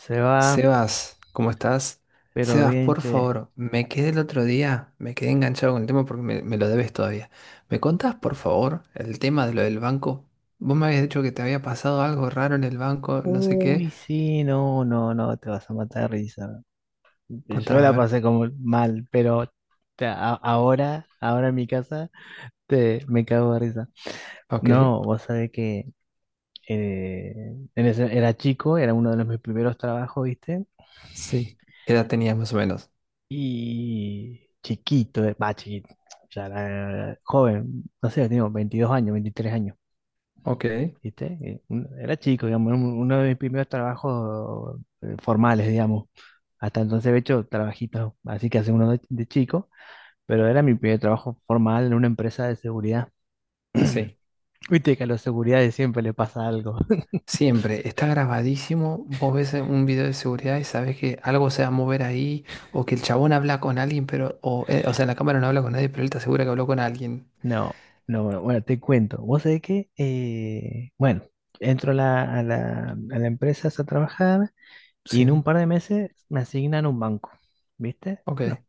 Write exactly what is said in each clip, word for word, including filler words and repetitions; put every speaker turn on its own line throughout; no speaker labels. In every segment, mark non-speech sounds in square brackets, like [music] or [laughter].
Se va,
Sebas, ¿cómo estás?
pero
Sebas,
bien,
por
che.
favor, me quedé el otro día, me quedé enganchado con el tema porque me, me lo debes todavía. ¿Me contás, por favor, el tema de lo del banco? Vos me habías dicho que te había pasado algo raro en el banco, no sé qué.
Uy, sí, no, no, no, te vas a matar de risa. Yo
Contame, a
la
ver.
pasé como mal, pero te- a- ahora, ahora en mi casa, te, me cago de risa.
Ok,
No, vos sabés que eh, en ese- era chico, era uno de los mis primeros trabajos, ¿viste?
sí. ¿Qué edad tenías más o menos?
Y chiquito, eh, va, chiquito, ya era joven, no sé, tengo veintidós años, veintitrés años.
Ok,
¿Viste? Eh, un- Era chico, digamos, era un- uno de mis primeros trabajos eh, formales, digamos. Hasta entonces había hecho trabajitos, así que hace uno de, de chico, pero era mi primer trabajo formal en una empresa de seguridad.
sí.
Viste que a los seguridades siempre le pasa algo. [laughs]
Siempre, está grabadísimo, vos ves un video de seguridad y sabes que algo se va a mover ahí, o que el chabón habla con alguien, pero, o, eh, o sea, la cámara no habla con nadie, pero él te asegura que habló con alguien.
No, no, bueno, bueno, te cuento. Vos sabés que, eh, bueno, entro a la, a la, a la empresa a trabajar y
Sí.
en un par de meses me asignan un banco, ¿viste?
Ok,
Bueno,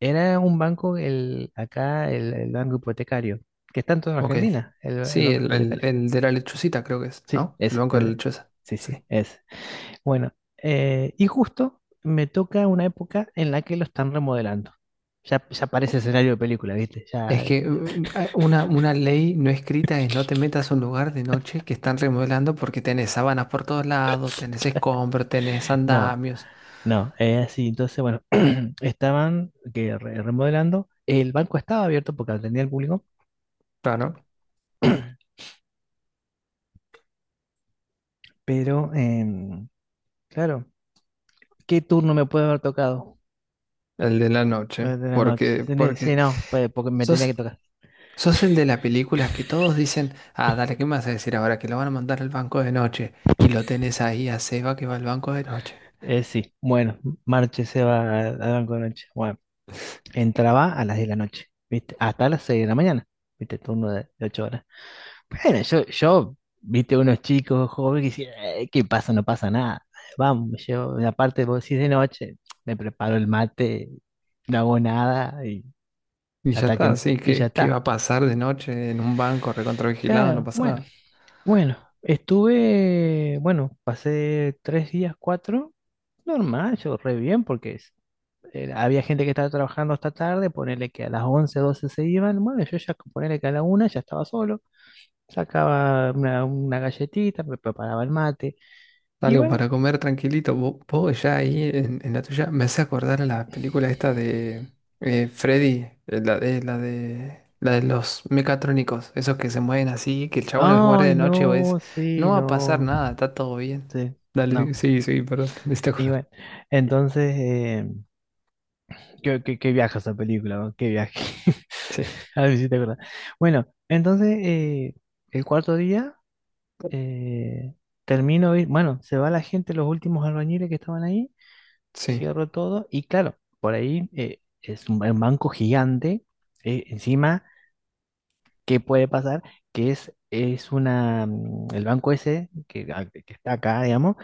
era un banco, el, acá, el, el banco hipotecario, que está en toda
ok.
Argentina, el, el
Sí,
banco
el, el,
hipotecario.
el de la lechucita creo que es,
Sí,
¿no? El
ese.
banco de
El
la
de-
lechuza.
sí,
Sí.
sí, ese. Bueno, eh, y justo me toca una época en la que lo están remodelando. Ya, ya parece escenario de película, ¿viste?
Es
Ya,
que uh, hay una, una ley no escrita es no te metas a un lugar de noche que están remodelando porque tenés sábanas por todos lados, tenés escombros, tenés
no,
andamios.
no, es así. Entonces, bueno, [clears throat] estaban que re- remodelando. El banco estaba abierto porque atendía al público,
Claro,
pero, em, claro, ¿qué turno me puede haber tocado?
el de la noche.
Pues de la noche.
Porque,
Sí, ne- sí,
porque
no, pues, porque me tenía que
sos,
tocar.
sos el de la película que todos dicen, ah, dale, ¿qué me vas a decir ahora? Que lo van a mandar al banco de noche. Y lo tenés ahí a Seba que va al banco de noche.
Eh, sí, bueno, Marche se va al al banco de noche. Bueno, entraba a las diez de la noche, ¿viste? Hasta las seis de la mañana, ¿viste? Turno de, de 8 horas. Bueno, yo, yo, ¿viste? Unos chicos jóvenes que dicen, "Eh, ¿qué pasa? No pasa nada. Vamos, yo, y aparte, vos decís de noche, me preparo el mate, no hago nada y,
Y ya
hasta que,
está,
me-
sí,
y ya
¿qué, qué va
está.
a pasar de noche en un banco recontravigilado? No
Claro,
pasa
bueno,
nada.
bueno, estuve, bueno, pasé tres días, cuatro. Normal, yo re bien, porque es- eh, había gente que estaba trabajando hasta tarde, ponerle que a las once doce se iban, bueno, yo ya ponerle que a la una ya estaba solo, sacaba una, una galletita, me preparaba el mate, y
Algo
bueno,
para comer tranquilito. Vo- Vos, ya ahí en, en la tuya me hace acordar a la película esta de eh, Freddy, eh, la de, la de, la de los mecatrónicos, esos que se mueven así, que el chabón es guardia
ay,
de noche o es,
no, sí,
no va a pasar
no,
nada, está todo bien.
sí, no,
Dale, sí, sí, perdón, [laughs] me hiciste
y
acordar.
bueno, entonces, eh, qué, qué- qué viaje esa película, ¿no? Qué viaje,
Sí,
[laughs] a ver si te acuerdas. Bueno, entonces, eh, el cuarto día... eh, termino, de ir- bueno, se va la gente, los últimos albañiles que estaban ahí,
sí.
cierro todo y claro, por ahí eh, es un, ba- un banco gigante, eh, encima, ¿qué puede pasar? Que es, es una, mm, el banco ese que, a- que está acá, digamos,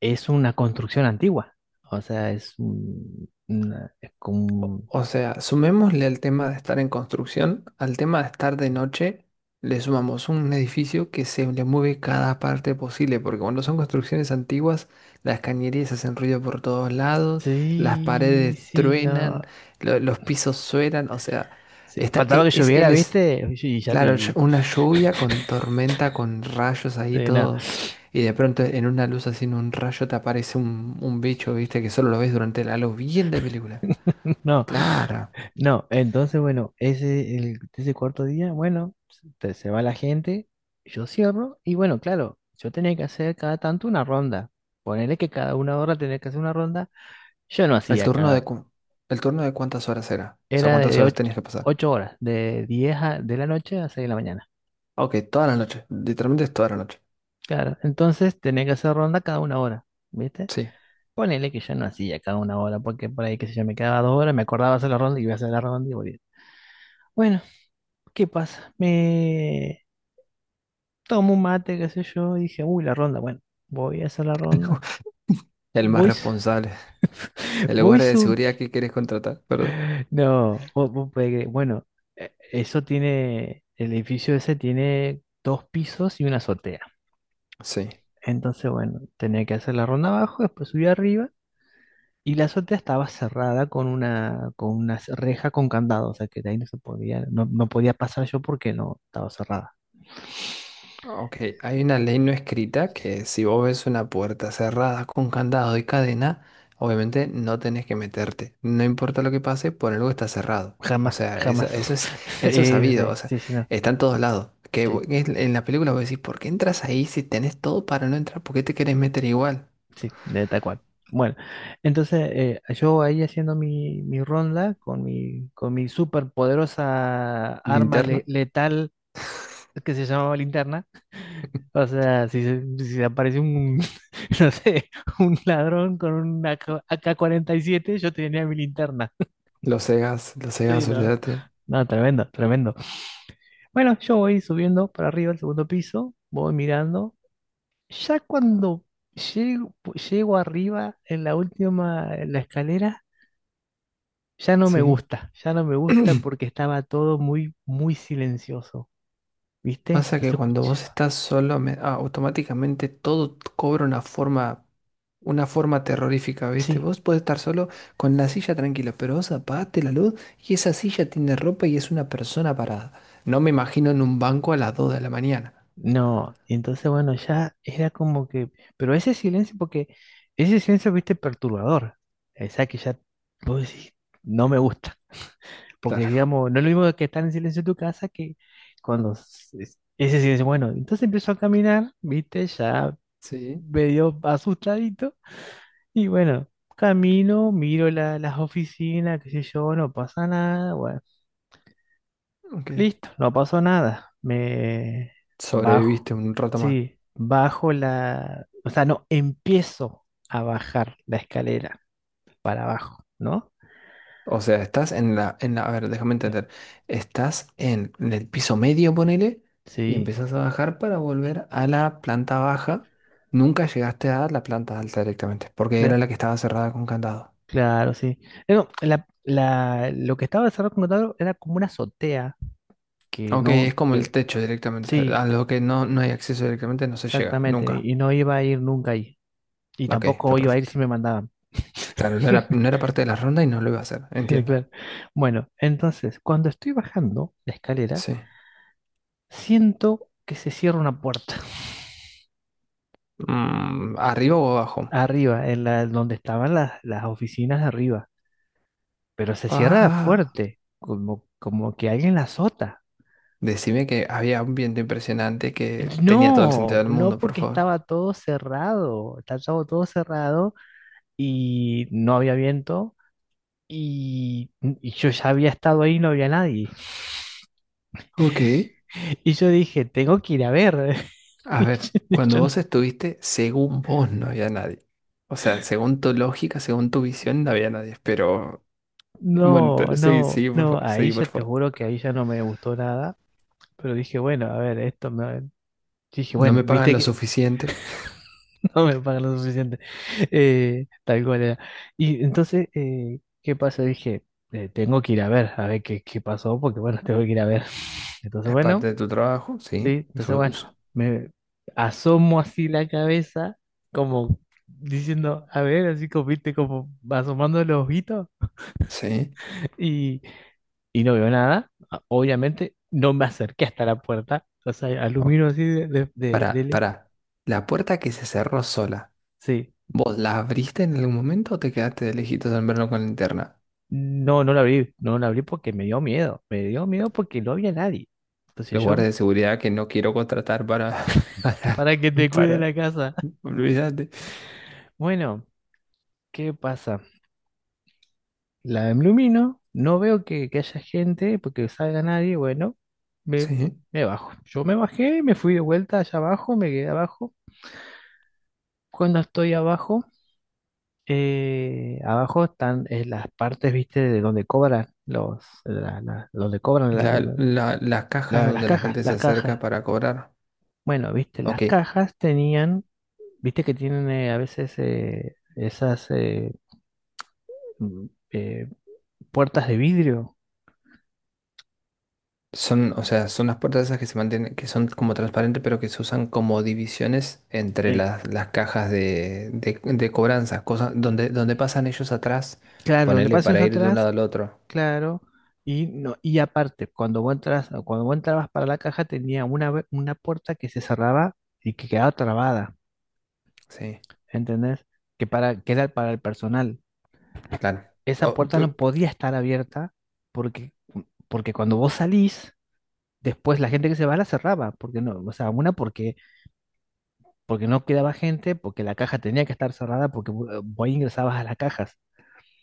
es una construcción antigua, o sea, es, un- una- es como...
O
un-
o sea, sumémosle al tema de estar en construcción, al tema de estar de noche, le sumamos un edificio que se le mueve cada parte posible, porque cuando son construcciones antiguas, las cañerías hacen ruido por todos lados, las
Sí,
paredes
sí,
truenan,
no.
lo- los pisos suenan, o sea,
Sí,
está,
faltaba
e-
que
es,
lloviera,
él es,
¿viste? [laughs] Y ya
claro, ll-
te...
una lluvia con tormenta, con rayos ahí,
eh, no.
todo, y de pronto en una luz así, en un rayo te aparece un, un bicho, viste, que solo lo ves durante la luz, bien de película.
[laughs] No.
Claro.
No, entonces, bueno, ese, el, ese cuarto día, bueno, se, te- se va la gente, yo cierro, y bueno, claro, yo tenía que hacer cada tanto una ronda. Ponerle que cada una hora tenía que hacer una ronda. Yo no
¿El
hacía
turno de
cada,
cu- ¿El turno de cuántas horas era? O sea,
era de,
¿cuántas
de
horas
ocho,
tenías que pasar?
ocho horas, de diez a- de la noche a seis de la mañana.
Ok, toda la noche. Literalmente es toda la noche.
Claro, entonces tenía que hacer ronda cada una hora, ¿viste?
Sí.
Ponele que yo no hacía cada una hora, porque por ahí, qué sé yo, me quedaba dos horas, me acordaba hacer la ronda y iba a hacer la ronda y volvía. Bueno, ¿qué pasa? Me... tomé un mate, qué sé yo, y dije, uy, la ronda, bueno, voy a hacer la ronda.
[laughs] El más
Voy, su-
responsable.
[laughs]
El
voy
guardia de
su...
seguridad que quieres contratar, ¿verdad?
No, vos- vos podés creer, bueno, eh, eso tiene, el edificio ese tiene dos pisos y una azotea.
Sí.
Entonces, bueno, tenía que hacer la ronda abajo, después subí arriba, y la azotea estaba cerrada con una, con una c- reja con candado, o sea que de ahí no se podía, no, no podía pasar yo porque no estaba cerrada.
Ok, hay una ley no escrita que si vos ves una puerta cerrada con candado y cadena, obviamente no tenés que meterte. No importa lo que pase, por algo está cerrado. O
Jamás,
sea, eso,
jamás.
eso es,
[laughs]
eso es
Es
sabido.
la-
O sea,
sí, sí, no.
está en todos lados. Que vo-
Sí.
que en en la película vos decís, ¿por qué entras ahí si tenés todo para no entrar? ¿Por qué te querés meter igual?
Sí, de tal cual. Bueno, entonces eh, yo ahí haciendo mi, mi ronda con mi, con mi súper poderosa arma le-
Linterna.
letal que se llamaba linterna.
[laughs]
O sea, si, se- si se aparece un, [laughs] no sé, un ladrón con un A K A K cuarenta y siete yo tenía mi linterna. [laughs]
Los cegas, los
Sí,
cegas,
no.
olvídate.
No, tremendo, tremendo. Bueno, yo voy subiendo para arriba al segundo piso, voy mirando. Ya cuando llego, llego arriba en la última, en la escalera. Ya no me
Sí.
gusta, ya no me gusta
[clears throat]
porque estaba todo muy, muy silencioso, ¿viste?
Pasa
No
que
se
cuando vos
escuchaba.
estás solo, me- ah, automáticamente todo t- cobra una forma, una forma terrorífica, ¿viste?
Sí,
Vos podés estar solo con la silla tranquila, pero vos apagaste la luz y esa silla tiene ropa y es una persona parada. No me imagino en un banco a las dos de la mañana.
no, entonces bueno, ya era como que, pero ese silencio, porque ese silencio, ¿viste? Perturbador. O sea que ya, vos decís, no me gusta, porque
Claro.
digamos, no es lo mismo que estar en silencio en tu casa que cuando s- es- ese silencio, bueno, entonces empiezo a caminar, ¿viste? Ya
Sí.
medio asustadito. Y bueno, camino, miro la- las oficinas, qué sé yo, no pasa nada. Bueno,
Ok.
listo, no pasó nada. Me
Sobreviviste
bajo.
un rato más.
Sí, bajo la... O sea, no, empiezo a bajar la escalera para abajo, ¿no?
O sea, estás en la, en la, a ver, déjame
Eh,
entender. Estás en, en el piso medio, ponele, y
Sí,
empezás a bajar para volver a la planta baja. Nunca llegaste a la planta alta directamente, porque era la
cla-
que estaba cerrada con candado.
claro, sí. Eh, No, la, la- lo que estaba cerrado contrato era como una azotea, que
Ok, es
no,
como el
que,
techo directamente.
sí,
A lo que no, no hay acceso directamente no se llega,
exactamente,
nunca.
y y no iba a ir nunca ahí. Y
Ok, está
tampoco iba a ir
perfecto.
si me mandaban.
Claro, no era, no era parte de la ronda y no lo iba a hacer,
[laughs]
entiendo.
Claro. Bueno, entonces, cuando estoy bajando la escalera,
Sí.
siento que se cierra una puerta [laughs]
Mm, ¿arriba o abajo?
arriba, en la, donde estaban las, las oficinas de arriba, pero se cierra
Ah.
fuerte, como, como que alguien la azota.
Decime que había un viento impresionante que tenía todo el sentido
No,
del
no
mundo, por
porque
favor.
estaba todo cerrado, estaba todo cerrado y no había viento y, y yo ya había estado ahí y no había nadie. [laughs]
Ok,
Y yo dije, tengo que ir a ver.
a ver,
[laughs] Y
cuando
yo,
vos estuviste, según vos no había nadie. O sea, según tu lógica, según tu visión, no había nadie. Pero bueno,
No,
te- seguí,
no,
seguí, por
no,
favor,
ahí
seguí,
ya
por
te
favor.
juro que ahí ya no me gustó nada, pero dije, bueno, a ver, esto me... Dije,
No
bueno,
me pagan
viste
lo
que
suficiente.
[laughs] no me pagan lo suficiente, eh, tal cual era. Y entonces, eh, ¿qué pasó? Dije, eh, tengo que ir a ver, a ver qué, qué pasó, porque bueno, tengo que ir a ver. [laughs] Entonces,
Es
bueno,
parte de tu trabajo, sí.
sí, entonces,
Eso es-
bueno, me asomo así la cabeza, como diciendo, a ver, así como, viste, como asomando los ojitos,
Sí.
y y no veo nada. a- Obviamente, no me acerqué hasta la puerta. O sea,
Oh,
aluminio así de, de, de-
pará,
dele.
pará. La puerta que se cerró sola,
Sí.
¿vos la abriste en algún momento o te quedaste de lejitos en verlo con la linterna?
No, no la abrí. No la abrí porque me dio miedo. Me dio miedo porque no había nadie. Entonces
Los
yo,
guardias de seguridad que no quiero contratar para, [laughs] para,
para que te cuide
para,
la casa. [laughs]
olvídate.
Bueno, ¿qué pasa? La ilumino. No veo que, que haya gente porque salga nadie. Bueno, me,
Sí.
me bajo. Yo me bajé, me fui de vuelta allá abajo, me quedé abajo. Cuando estoy abajo. Eh, abajo están eh, las partes, viste, de donde cobran los, la- la- donde cobran la-
La, la, las cajas
la- las
donde la
cajas,
gente se
las
acerca
cajas.
para cobrar.
Bueno, viste, las
Ok.
cajas tenían, viste que tienen eh, a veces eh, esas eh, mm, eh, puertas de vidrio.
Son, o sea, son las puertas esas que se mantienen, que son como transparentes, pero que se usan como divisiones entre
Eh,
las, las cajas de, de, de cobranza, cosas donde, donde pasan ellos atrás,
claro, donde
ponerle
pasen
para ir de un lado
atrás,
al otro.
claro. Y, no, y aparte, cuando vos entras, cuando vos entrabas para la caja, tenía una, ve- una puerta que se cerraba y que quedaba trabada,
Sí,
¿entendés? Que, para, que era para el personal.
claro.
Esa
O-
puerta no
pe-
podía estar abierta porque, porque cuando vos salís, después la gente que se va la cerraba, porque no, o sea, una porque, porque no quedaba gente, porque la caja tenía que estar cerrada, porque vo- eh, vos ingresabas a las cajas.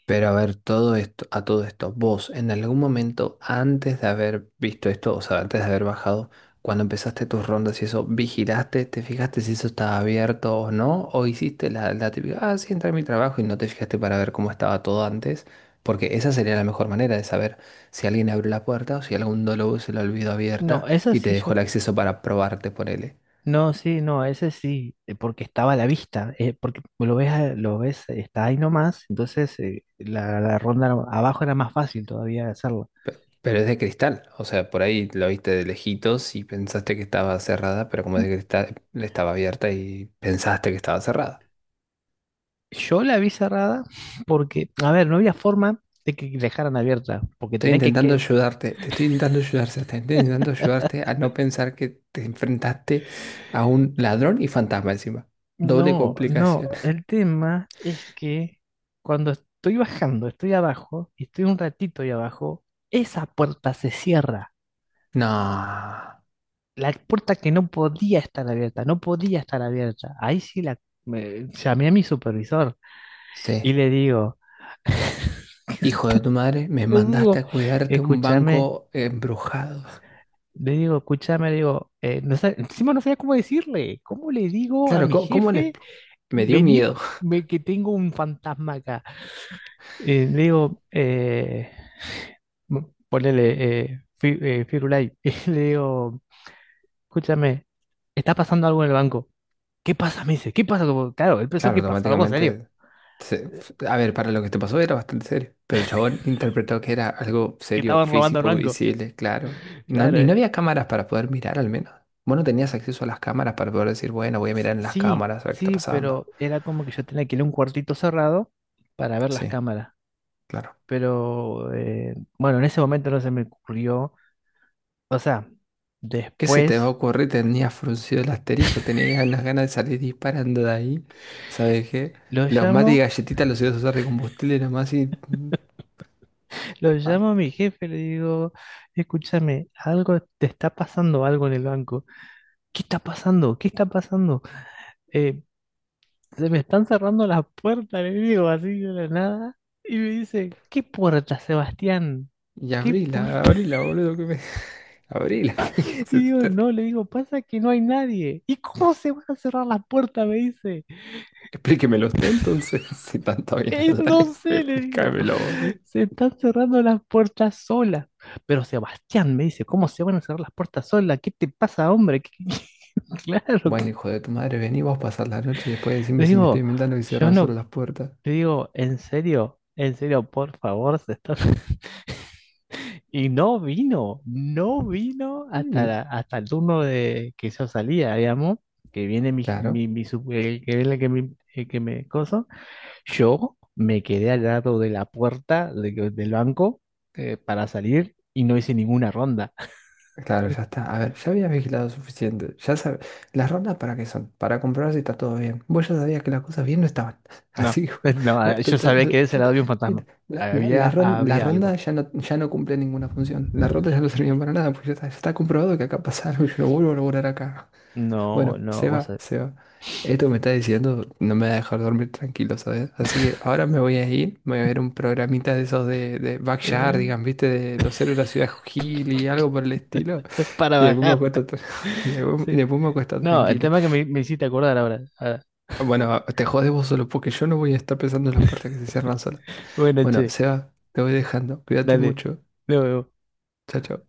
Pero a ver, todo esto, a todo esto, vos en algún momento antes de haber visto esto, o sea, antes de haber bajado, cuando empezaste tus rondas y eso, ¿vigilaste, te fijaste si eso estaba abierto o no? ¿O hiciste la, la típica, ah, sí, entré a mi trabajo y no te fijaste para ver cómo estaba todo antes? Porque esa sería la mejor manera de saber si alguien abrió la puerta o si algún dolo se la olvidó
No,
abierta
esa
y te
sí
dejó
yo,
el acceso para probarte por él.
no, sí, no, ese sí, eh, porque estaba a la vista, eh, porque lo ves, a- lo ves, eh, está ahí nomás, entonces eh, la, la ronda era- abajo era más fácil todavía de hacerla.
Pero es de cristal, o sea, por ahí la viste de lejitos y pensaste que estaba cerrada, pero como es de cristal, estaba abierta y pensaste que estaba cerrada.
Yo la vi cerrada porque, a ver, no había forma de que dejaran abierta, porque
Estoy
tenía que,
intentando
que
ayudarte, te estoy intentando ayudar, Seba, te estoy intentando ayudarte a no pensar que te enfrentaste a un ladrón y fantasma encima. Doble
No, no,
complicación.
el tema es que cuando estoy bajando, estoy abajo y estoy un ratito ahí abajo, esa puerta se cierra.
No,
La puerta que no podía estar abierta, no podía estar abierta. Ahí sí la me- llamé a mi supervisor y
sí.
le digo,
Hijo de tu madre, me
le
mandaste
digo,
a cuidarte un
escúchame,
banco embrujado.
le digo, escúchame, le digo, eh, no sé, encima no sabía cómo decirle, ¿cómo le digo a
Claro,
mi
¿cómo, cómo le...
jefe,
expl- Me dio
vení,
miedo.
me- que tengo un fantasma acá? Eh, digo, eh, [laughs] ponele eh, Fi- eh, Firulai, [laughs] y le digo, escúchame, está pasando algo en el banco. ¿Qué pasa? Me dice, ¿qué pasa? Como, claro, él pensó
Claro,
que pasó algo serio,
automáticamente se- a ver, para lo que te pasó era bastante serio, pero el chabón interpretó que era algo
que
serio,
estaban robando el
físico,
banco.
visible, claro. No,
Claro,
y no
eh,
había cámaras para poder mirar al menos. Vos no tenías acceso a las cámaras para poder decir, bueno, voy a
s-
mirar en las
sí,
cámaras a ver qué está
sí,
pasando.
pero era como que yo tenía que ir a un cuartito cerrado para ver las
Sí,
cámaras.
claro.
Pero eh, bueno, en ese momento no se me ocurrió. O sea,
¿Qué se te va a
después
ocurrir? Tenía fruncido el asterisco, tenía unas ganas de salir disparando de ahí. ¿Sabes qué?
lo
Los mates y
llamo.
galletitas los ibas a usar de combustible nomás y... mm,
Lo
ah,
llamo a mi jefe, le digo, escúchame, algo te está pasando, algo en el banco. ¿Qué está pasando? ¿Qué está pasando? Eh, se me están cerrando las puertas, le digo así de la nada. Y me dice, ¿qué puerta, Sebastián?
y
¿Qué
abrila,
puerta? [laughs]
abrila, boludo, que me... [laughs] Abrila.
Y digo, no,
[laughs]
le digo, pasa que no hay nadie. ¿Y cómo se van a cerrar las puertas? Me dice.
Explíquemelo usted entonces, [laughs] si tanto viene a
"Eh,
hablar,
no sé, le digo.
explícamelo vos a mí.
Se están cerrando las puertas solas. Pero Sebastián me dice, ¿cómo se van a cerrar las puertas solas? ¿Qué te pasa, hombre? ¿Qué- [laughs] Claro,
Bueno, hijo de tu madre, vení vos a pasar la noche y después
le
decime si me estoy
digo,
inventando y
yo
cerrar
no,
solo las puertas.
le digo, en serio, en serio, por favor, se está-". [laughs] Y no vino, no vino hasta,
Y
la- hasta el turno de que yo salía, digamos, que viene mi,
claro,
mi, mi sup- el que viene que me, el que me coso. Yo me quedé al lado de la puerta de- del banco eh, para salir y no hice ninguna ronda.
claro, ya está. A ver, ya habías vigilado suficiente. Ya sabes, las rondas para qué son, para comprobar si está todo bien. Vos ya sabías que las cosas bien no estaban. [laughs]
No,
Así, hijo,
[laughs] no,
vos te-
yo
te-
sabía que de
te-
ese
ya
lado
te-
había un fantasma.
mira, la, la, la
Había,
ron- la
había
ronda
algo.
ya no, ya no cumple ninguna función. La ronda ya no sirvió para nada, porque ya está, ya está comprobado que acá pasa algo y yo no vuelvo a laburar acá.
No,
Bueno,
no,
se
vos
va,
sabés.
se va. Esto que me está diciendo no me va a dejar dormir tranquilo, ¿sabes? Así que ahora me voy a ir, me voy a ver un programita de esos de, de Backyardigans, ¿viste? De los héroes de la ciudad Hill y algo por el estilo.
[laughs] Para
Y después me
bajar.
acuesto, tra- [laughs] y después y
Sí.
después me acuesto
No, el
tranquilo.
tema que me, me hiciste acordar ahora. Ahora.
Bueno, te jodes vos solo porque yo no voy a estar pensando en las puertas que se cierran solas.
Bueno,
Bueno,
che,
Seba, te voy dejando. Cuídate
dale.
mucho.
Luego
Chao, chao.